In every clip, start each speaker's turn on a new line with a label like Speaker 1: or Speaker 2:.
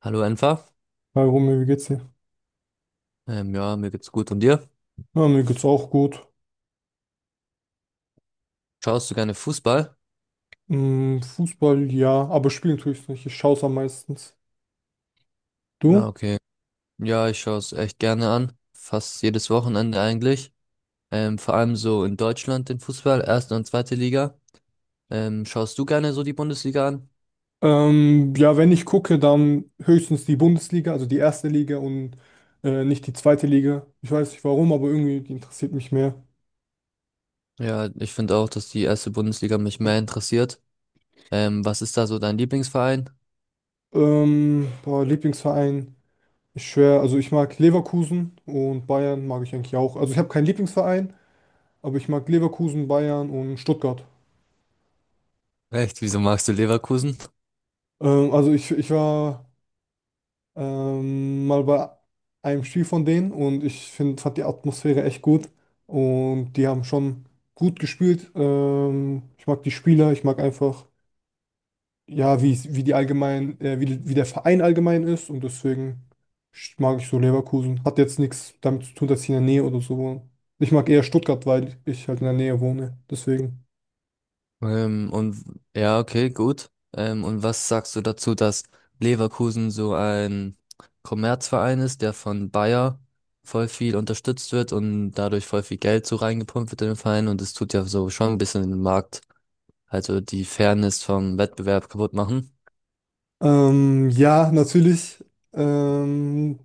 Speaker 1: Hallo Enfer.
Speaker 2: Hi Romeo, wie geht's dir?
Speaker 1: Ja, Mir geht's gut. Und dir?
Speaker 2: Ja, mir geht's auch gut.
Speaker 1: Schaust du gerne Fußball?
Speaker 2: Hm, Fußball, ja, aber spielen tue ich nicht. Ich schaue es am meistens. Du?
Speaker 1: Ja, okay. Ja, ich schaue es echt gerne an. Fast jedes Wochenende eigentlich. Vor allem so in Deutschland den Fußball, erste und zweite Liga. Schaust du gerne so die Bundesliga an?
Speaker 2: Ja, wenn ich gucke, dann höchstens die Bundesliga, also die erste Liga und nicht die zweite Liga. Ich weiß nicht warum, aber irgendwie die interessiert mich mehr.
Speaker 1: Ja, ich finde auch, dass die erste Bundesliga mich mehr interessiert. Was ist da so dein Lieblingsverein?
Speaker 2: Boah, Lieblingsverein, ich schwör, also ich mag Leverkusen und Bayern mag ich eigentlich auch. Also ich habe keinen Lieblingsverein, aber ich mag Leverkusen, Bayern und Stuttgart.
Speaker 1: Echt, wieso magst du Leverkusen?
Speaker 2: Also ich war mal bei einem Spiel von denen und ich fand die Atmosphäre echt gut und die haben schon gut gespielt. Ich mag die Spieler, ich mag einfach, ja, wie die allgemein, wie der Verein allgemein ist und deswegen mag ich so Leverkusen. Hat jetzt nichts damit zu tun, dass ich in der Nähe oder so wohne. Ich mag eher Stuttgart, weil ich halt in der Nähe wohne. Deswegen.
Speaker 1: Ähm, und ja, okay, gut. Und was sagst du dazu, dass Leverkusen so ein Kommerzverein ist, der von Bayer voll viel unterstützt wird und dadurch voll viel Geld so reingepumpt wird in den Verein und es tut ja so schon ein bisschen den Markt, also die Fairness vom Wettbewerb kaputt machen.
Speaker 2: Ja, natürlich. Ähm,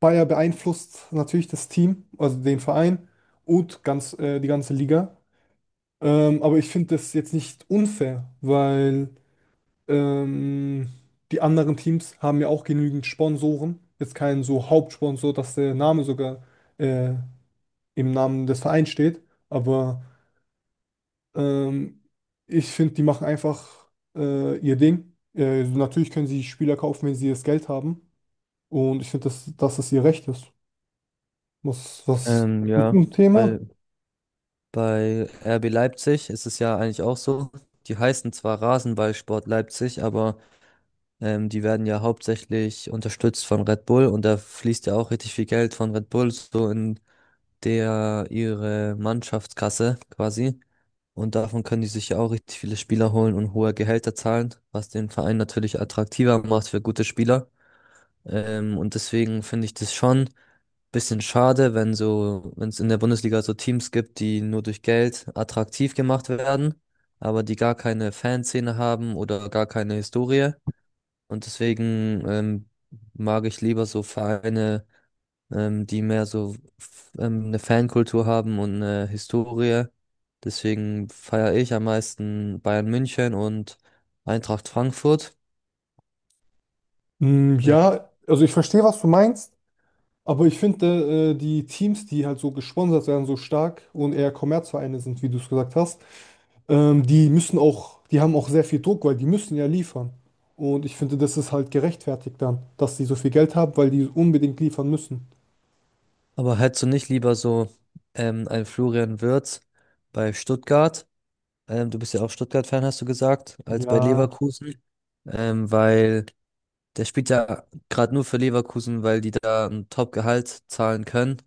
Speaker 2: Bayer beeinflusst natürlich das Team, also den Verein und die ganze Liga. Aber ich finde das jetzt nicht unfair, weil ähm, die anderen Teams haben ja auch genügend Sponsoren. Jetzt keinen so Hauptsponsor, dass der Name sogar äh, im Namen des Vereins steht. Aber ähm, ich finde, die machen einfach ihr Ding. Natürlich können sie Spieler kaufen, wenn sie das Geld haben. Und ich finde, dass es ihr Recht ist. Was
Speaker 1: Ähm,
Speaker 2: zu
Speaker 1: ja,
Speaker 2: dem Thema?
Speaker 1: Weil bei RB Leipzig ist es ja eigentlich auch so. Die heißen zwar Rasenballsport Leipzig, aber die werden ja hauptsächlich unterstützt von Red Bull und da fließt ja auch richtig viel Geld von Red Bull so in der ihre Mannschaftskasse quasi. Und davon können die sich ja auch richtig viele Spieler holen und hohe Gehälter zahlen, was den Verein natürlich attraktiver macht für gute Spieler. Und deswegen finde ich das schon ein bisschen schade, wenn so, wenn es in der Bundesliga so Teams gibt, die nur durch Geld attraktiv gemacht werden, aber die gar keine Fanszene haben oder gar keine Historie. Und deswegen mag ich lieber so Vereine, die mehr so eine Fankultur haben und eine Historie. Deswegen feiere ich am meisten Bayern München und Eintracht Frankfurt.
Speaker 2: Mm,
Speaker 1: Ja.
Speaker 2: ja, also ich verstehe, was du meinst, aber ich finde, die Teams, die halt so gesponsert werden, so stark und eher Kommerzvereine sind, wie du es gesagt hast, die haben auch sehr viel Druck, weil die müssen ja liefern. Und ich finde, das ist halt gerechtfertigt dann, dass die so viel Geld haben, weil die unbedingt liefern müssen.
Speaker 1: Aber hättest du nicht lieber so einen Florian Wirtz bei Stuttgart? Du bist ja auch Stuttgart-Fan, hast du gesagt, als bei
Speaker 2: Ja,
Speaker 1: Leverkusen. Weil der spielt ja gerade nur für Leverkusen, weil die da ein Top-Gehalt zahlen können,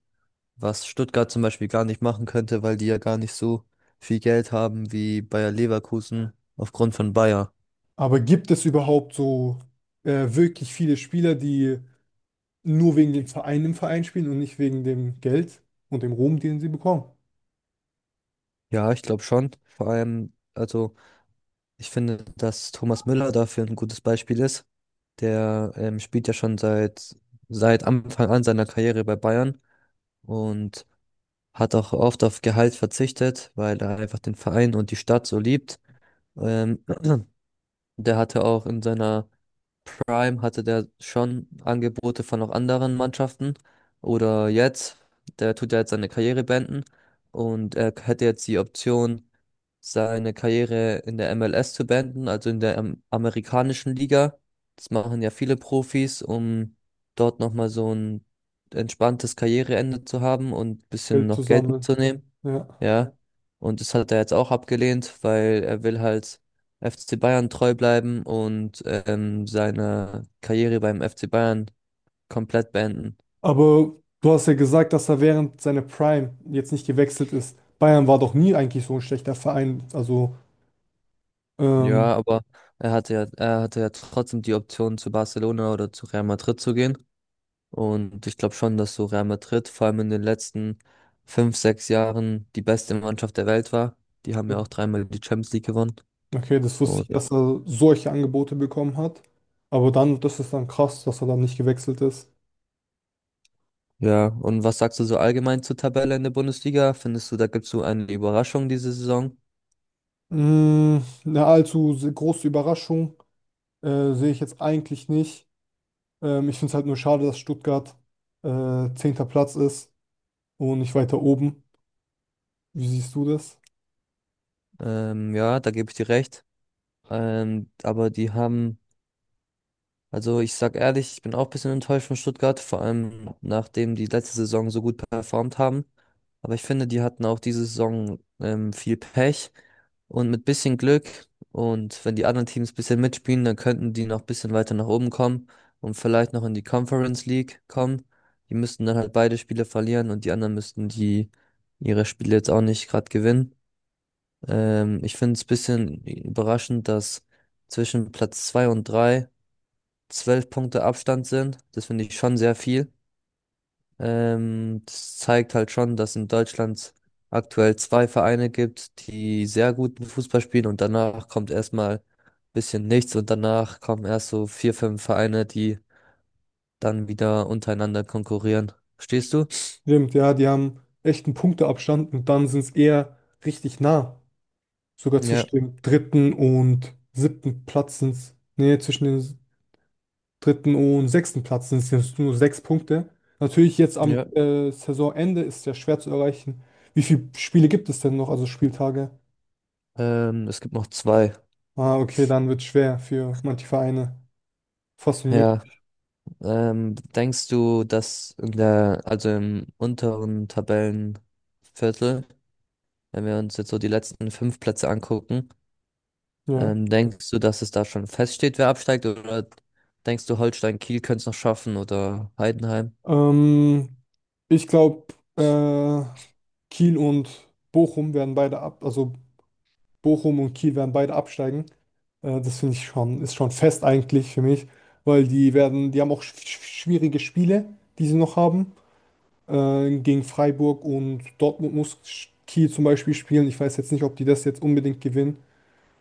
Speaker 1: was Stuttgart zum Beispiel gar nicht machen könnte, weil die ja gar nicht so viel Geld haben wie Bayer Leverkusen aufgrund von Bayer.
Speaker 2: aber gibt es überhaupt so wirklich viele Spieler, die nur wegen dem Verein im Verein spielen und nicht wegen dem Geld und dem Ruhm, den sie bekommen.
Speaker 1: Ja, ich glaube schon. Vor allem, also ich finde, dass Thomas Müller dafür ein gutes Beispiel ist. Der spielt ja schon seit Anfang an seiner Karriere bei Bayern und hat auch oft auf Gehalt verzichtet, weil er einfach den Verein und die Stadt so liebt. Ähm, der hatte auch in seiner Prime hatte der schon Angebote von auch anderen Mannschaften. Oder jetzt, der tut ja jetzt seine Karriere beenden und er hätte jetzt die Option, seine Karriere in der MLS zu beenden, also in der amerikanischen Liga. Das machen ja viele Profis, um dort nochmal so ein entspanntes Karriereende zu haben und ein bisschen
Speaker 2: Geld zu
Speaker 1: noch Geld
Speaker 2: sammeln.
Speaker 1: mitzunehmen.
Speaker 2: Ja.
Speaker 1: Ja. Und das hat er jetzt auch abgelehnt, weil er will halt FC Bayern treu bleiben und seine Karriere beim FC Bayern komplett beenden.
Speaker 2: Aber du hast ja gesagt, dass er während seiner Prime jetzt nicht gewechselt ist. Bayern war doch nie eigentlich so ein schlechter Verein. Ähm,
Speaker 1: Ja, aber er hatte ja trotzdem die Option zu Barcelona oder zu Real Madrid zu gehen. Und ich glaube schon, dass so Real Madrid vor allem in den letzten fünf, sechs Jahren die beste Mannschaft der Welt war. Die haben ja auch dreimal die Champions League gewonnen.
Speaker 2: okay, das wusste ich,
Speaker 1: Und ja.
Speaker 2: dass er solche Angebote bekommen hat. Aber dann, das ist dann krass, dass er dann nicht gewechselt ist.
Speaker 1: Ja, und was sagst du so allgemein zur Tabelle in der Bundesliga? Findest du, da gibt es so eine Überraschung diese Saison?
Speaker 2: Mm, eine große Überraschung sehe ich jetzt eigentlich nicht. Ich finde es halt nur schade, dass Stuttgart zehnter Platz ist und nicht weiter oben. Wie siehst du das?
Speaker 1: Ja, da gebe ich dir recht. Ähm, aber die haben, also ich sag ehrlich, ich bin auch ein bisschen enttäuscht von Stuttgart, vor allem nachdem die letzte Saison so gut performt haben. Aber ich finde, die hatten auch diese Saison viel Pech und mit bisschen Glück und wenn die anderen Teams ein bisschen mitspielen, dann könnten die noch ein bisschen weiter nach oben kommen und vielleicht noch in die Conference League kommen. Die müssten dann halt beide Spiele verlieren und die anderen müssten die ihre Spiele jetzt auch nicht gerade gewinnen. Ich finde es ein bisschen überraschend, dass zwischen Platz 2 und 3 zwölf Punkte Abstand sind. Das finde ich schon sehr viel. Das zeigt halt schon, dass in Deutschland aktuell zwei Vereine gibt, die sehr guten Fußball spielen und danach kommt erstmal ein bisschen nichts und danach kommen erst so vier, fünf Vereine, die dann wieder untereinander konkurrieren. Verstehst du?
Speaker 2: Stimmt, ja, die haben echt einen Punkteabstand und dann sind es eher richtig nah. Sogar zwischen
Speaker 1: Ja,
Speaker 2: dem dritten und siebten Platz sind es, nee, zwischen dem dritten und sechsten Platz sind es nur sechs Punkte. Natürlich jetzt am
Speaker 1: ja.
Speaker 2: Saisonende ist es ja schwer zu erreichen. Wie viele Spiele gibt es denn noch, also Spieltage?
Speaker 1: Es gibt noch zwei.
Speaker 2: Ah, okay, dann wird es schwer für manche Vereine. Fast
Speaker 1: Ja.
Speaker 2: unmöglich.
Speaker 1: Denkst du, dass in der, also im unteren Tabellenviertel, wenn wir uns jetzt so die letzten fünf Plätze angucken,
Speaker 2: Ja.
Speaker 1: denkst du, dass es da schon feststeht, wer absteigt? Oder denkst du, Holstein Kiel könnte es noch schaffen oder Heidenheim?
Speaker 2: Ähm, Ich glaube, äh, Kiel und Bochum werden beide ab, also Bochum und Kiel werden beide absteigen. Das finde ich schon, ist schon fest eigentlich für mich, weil die haben auch schwierige Spiele, die sie noch haben. Gegen Freiburg und Dortmund muss Kiel zum Beispiel spielen. Ich weiß jetzt nicht, ob die das jetzt unbedingt gewinnen.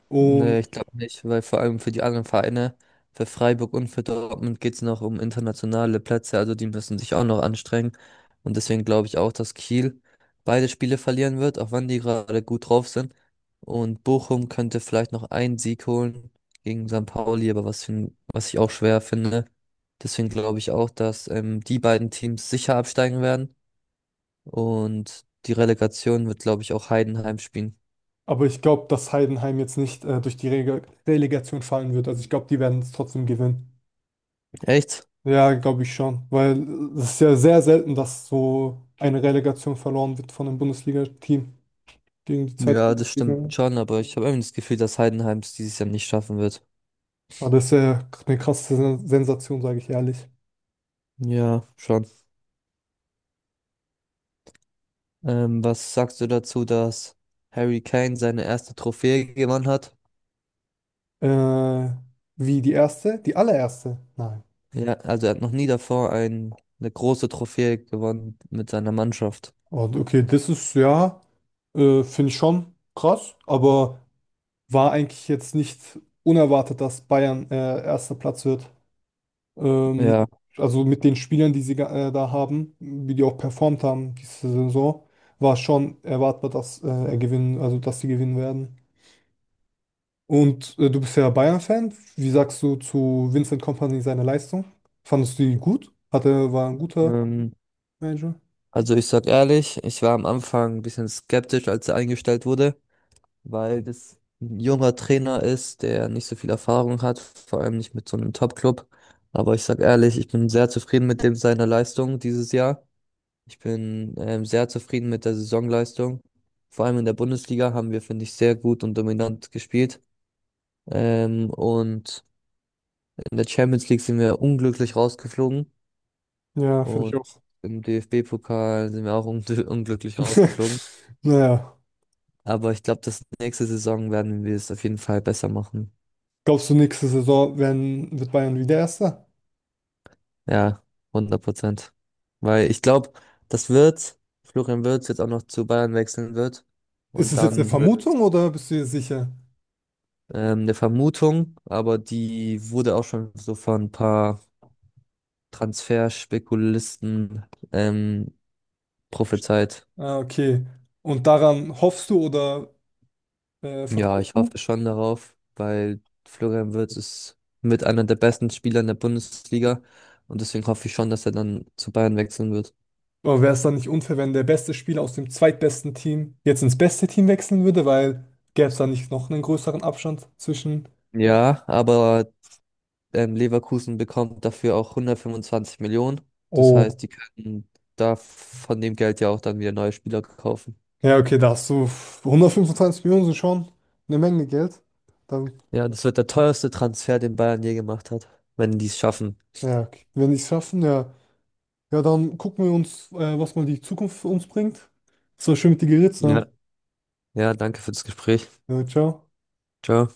Speaker 2: Und,
Speaker 1: Nee, ich glaube nicht, weil vor allem für die anderen Vereine, für Freiburg und für Dortmund geht es noch um internationale Plätze, also die müssen sich auch noch anstrengen. Und deswegen glaube ich auch, dass Kiel beide Spiele verlieren wird, auch wenn die gerade gut drauf sind. Und Bochum könnte vielleicht noch einen Sieg holen gegen St. Pauli, aber was ich auch schwer finde. Deswegen glaube ich auch, dass die beiden Teams sicher absteigen werden. Und die Relegation wird, glaube ich, auch Heidenheim spielen.
Speaker 2: aber ich glaube, dass Heidenheim jetzt nicht Relegation fallen wird. Also ich glaube, die werden es trotzdem gewinnen.
Speaker 1: Echt?
Speaker 2: Ja, glaube ich schon, weil es ist ja sehr selten, dass so eine Relegation verloren wird von einem Bundesliga-Team gegen die zweite
Speaker 1: Ja, das
Speaker 2: Bundesliga.
Speaker 1: stimmt schon, aber ich habe irgendwie das Gefühl, dass Heidenheim es dieses Jahr nicht schaffen wird.
Speaker 2: Aber das ist ja eine krasse Sensation, sage ich ehrlich.
Speaker 1: Ja, schon. Was sagst du dazu, dass Harry Kane seine erste Trophäe gewonnen hat?
Speaker 2: Äh, wie die erste? Die allererste? Nein.
Speaker 1: Ja, also er hat noch nie davor eine große Trophäe gewonnen mit seiner Mannschaft.
Speaker 2: Und okay, das ist ja, finde ich schon krass, aber war eigentlich jetzt nicht unerwartet, dass Bayern erster Platz wird. Ähm,
Speaker 1: Ja,
Speaker 2: also mit den Spielern, die sie da haben, wie die auch performt haben diese Saison, war schon erwartbar, dass er gewinnen, also dass sie gewinnen werden. Und du bist ja Bayern-Fan. Wie sagst du zu Vincent Kompany seine Leistung? Fandest du die gut? War ein guter
Speaker 1: ähm,
Speaker 2: Manager?
Speaker 1: also ich sag ehrlich, ich war am Anfang ein bisschen skeptisch, als er eingestellt wurde, weil das ein junger Trainer ist, der nicht so viel Erfahrung hat, vor allem nicht mit so einem Top-Club. Aber ich sag ehrlich, ich bin sehr zufrieden mit dem seiner Leistung dieses Jahr. Ich bin sehr zufrieden mit der Saisonleistung. Vor allem in der Bundesliga haben wir, finde ich, sehr gut und dominant gespielt. Und in der Champions League sind wir unglücklich rausgeflogen.
Speaker 2: Ja, finde ich
Speaker 1: Und
Speaker 2: auch.
Speaker 1: im DFB-Pokal sind wir auch un unglücklich rausgeflogen.
Speaker 2: Naja,
Speaker 1: Aber ich glaube, das nächste Saison werden wir es auf jeden Fall besser machen.
Speaker 2: glaubst du, wird Bayern wieder Erster?
Speaker 1: Ja, 100%. Weil ich glaube, das wird, Florian Wirtz jetzt auch noch zu Bayern wechseln wird.
Speaker 2: Ist
Speaker 1: Und
Speaker 2: es jetzt eine
Speaker 1: dann wird
Speaker 2: Vermutung oder bist du dir sicher?
Speaker 1: eine Vermutung, aber die wurde auch schon so von ein paar Transferspekulisten ähm, prophezeit.
Speaker 2: Ah, okay. Und daran hoffst du oder
Speaker 1: Ja,
Speaker 2: vertraust
Speaker 1: ich
Speaker 2: du?
Speaker 1: hoffe schon darauf, weil Florian Wirtz ist mit einer der besten Spieler in der Bundesliga. Und deswegen hoffe ich schon, dass er dann zu Bayern wechseln wird.
Speaker 2: Aber wäre es dann nicht unfair, wenn der beste Spieler aus dem zweitbesten Team jetzt ins beste Team wechseln würde, weil gäbe es da nicht noch einen größeren Abstand zwischen.
Speaker 1: Ja, aber Leverkusen bekommt dafür auch 125 Millionen. Das
Speaker 2: Oh,
Speaker 1: heißt, die könnten da von dem Geld ja auch dann wieder neue Spieler kaufen.
Speaker 2: ja, okay, da hast du f- 125 Millionen sind schon eine Menge Geld. Dann,
Speaker 1: Ja, das wird der teuerste Transfer, den Bayern je gemacht hat, wenn die es schaffen.
Speaker 2: ja, okay. Wenn die es schaffen, ja. Ja, dann gucken wir uns, was mal die Zukunft für uns bringt. Es war schön mit dir geredet, zu
Speaker 1: Ja.
Speaker 2: haben.
Speaker 1: Ja, danke für das Gespräch.
Speaker 2: Ja, ciao.
Speaker 1: Ciao.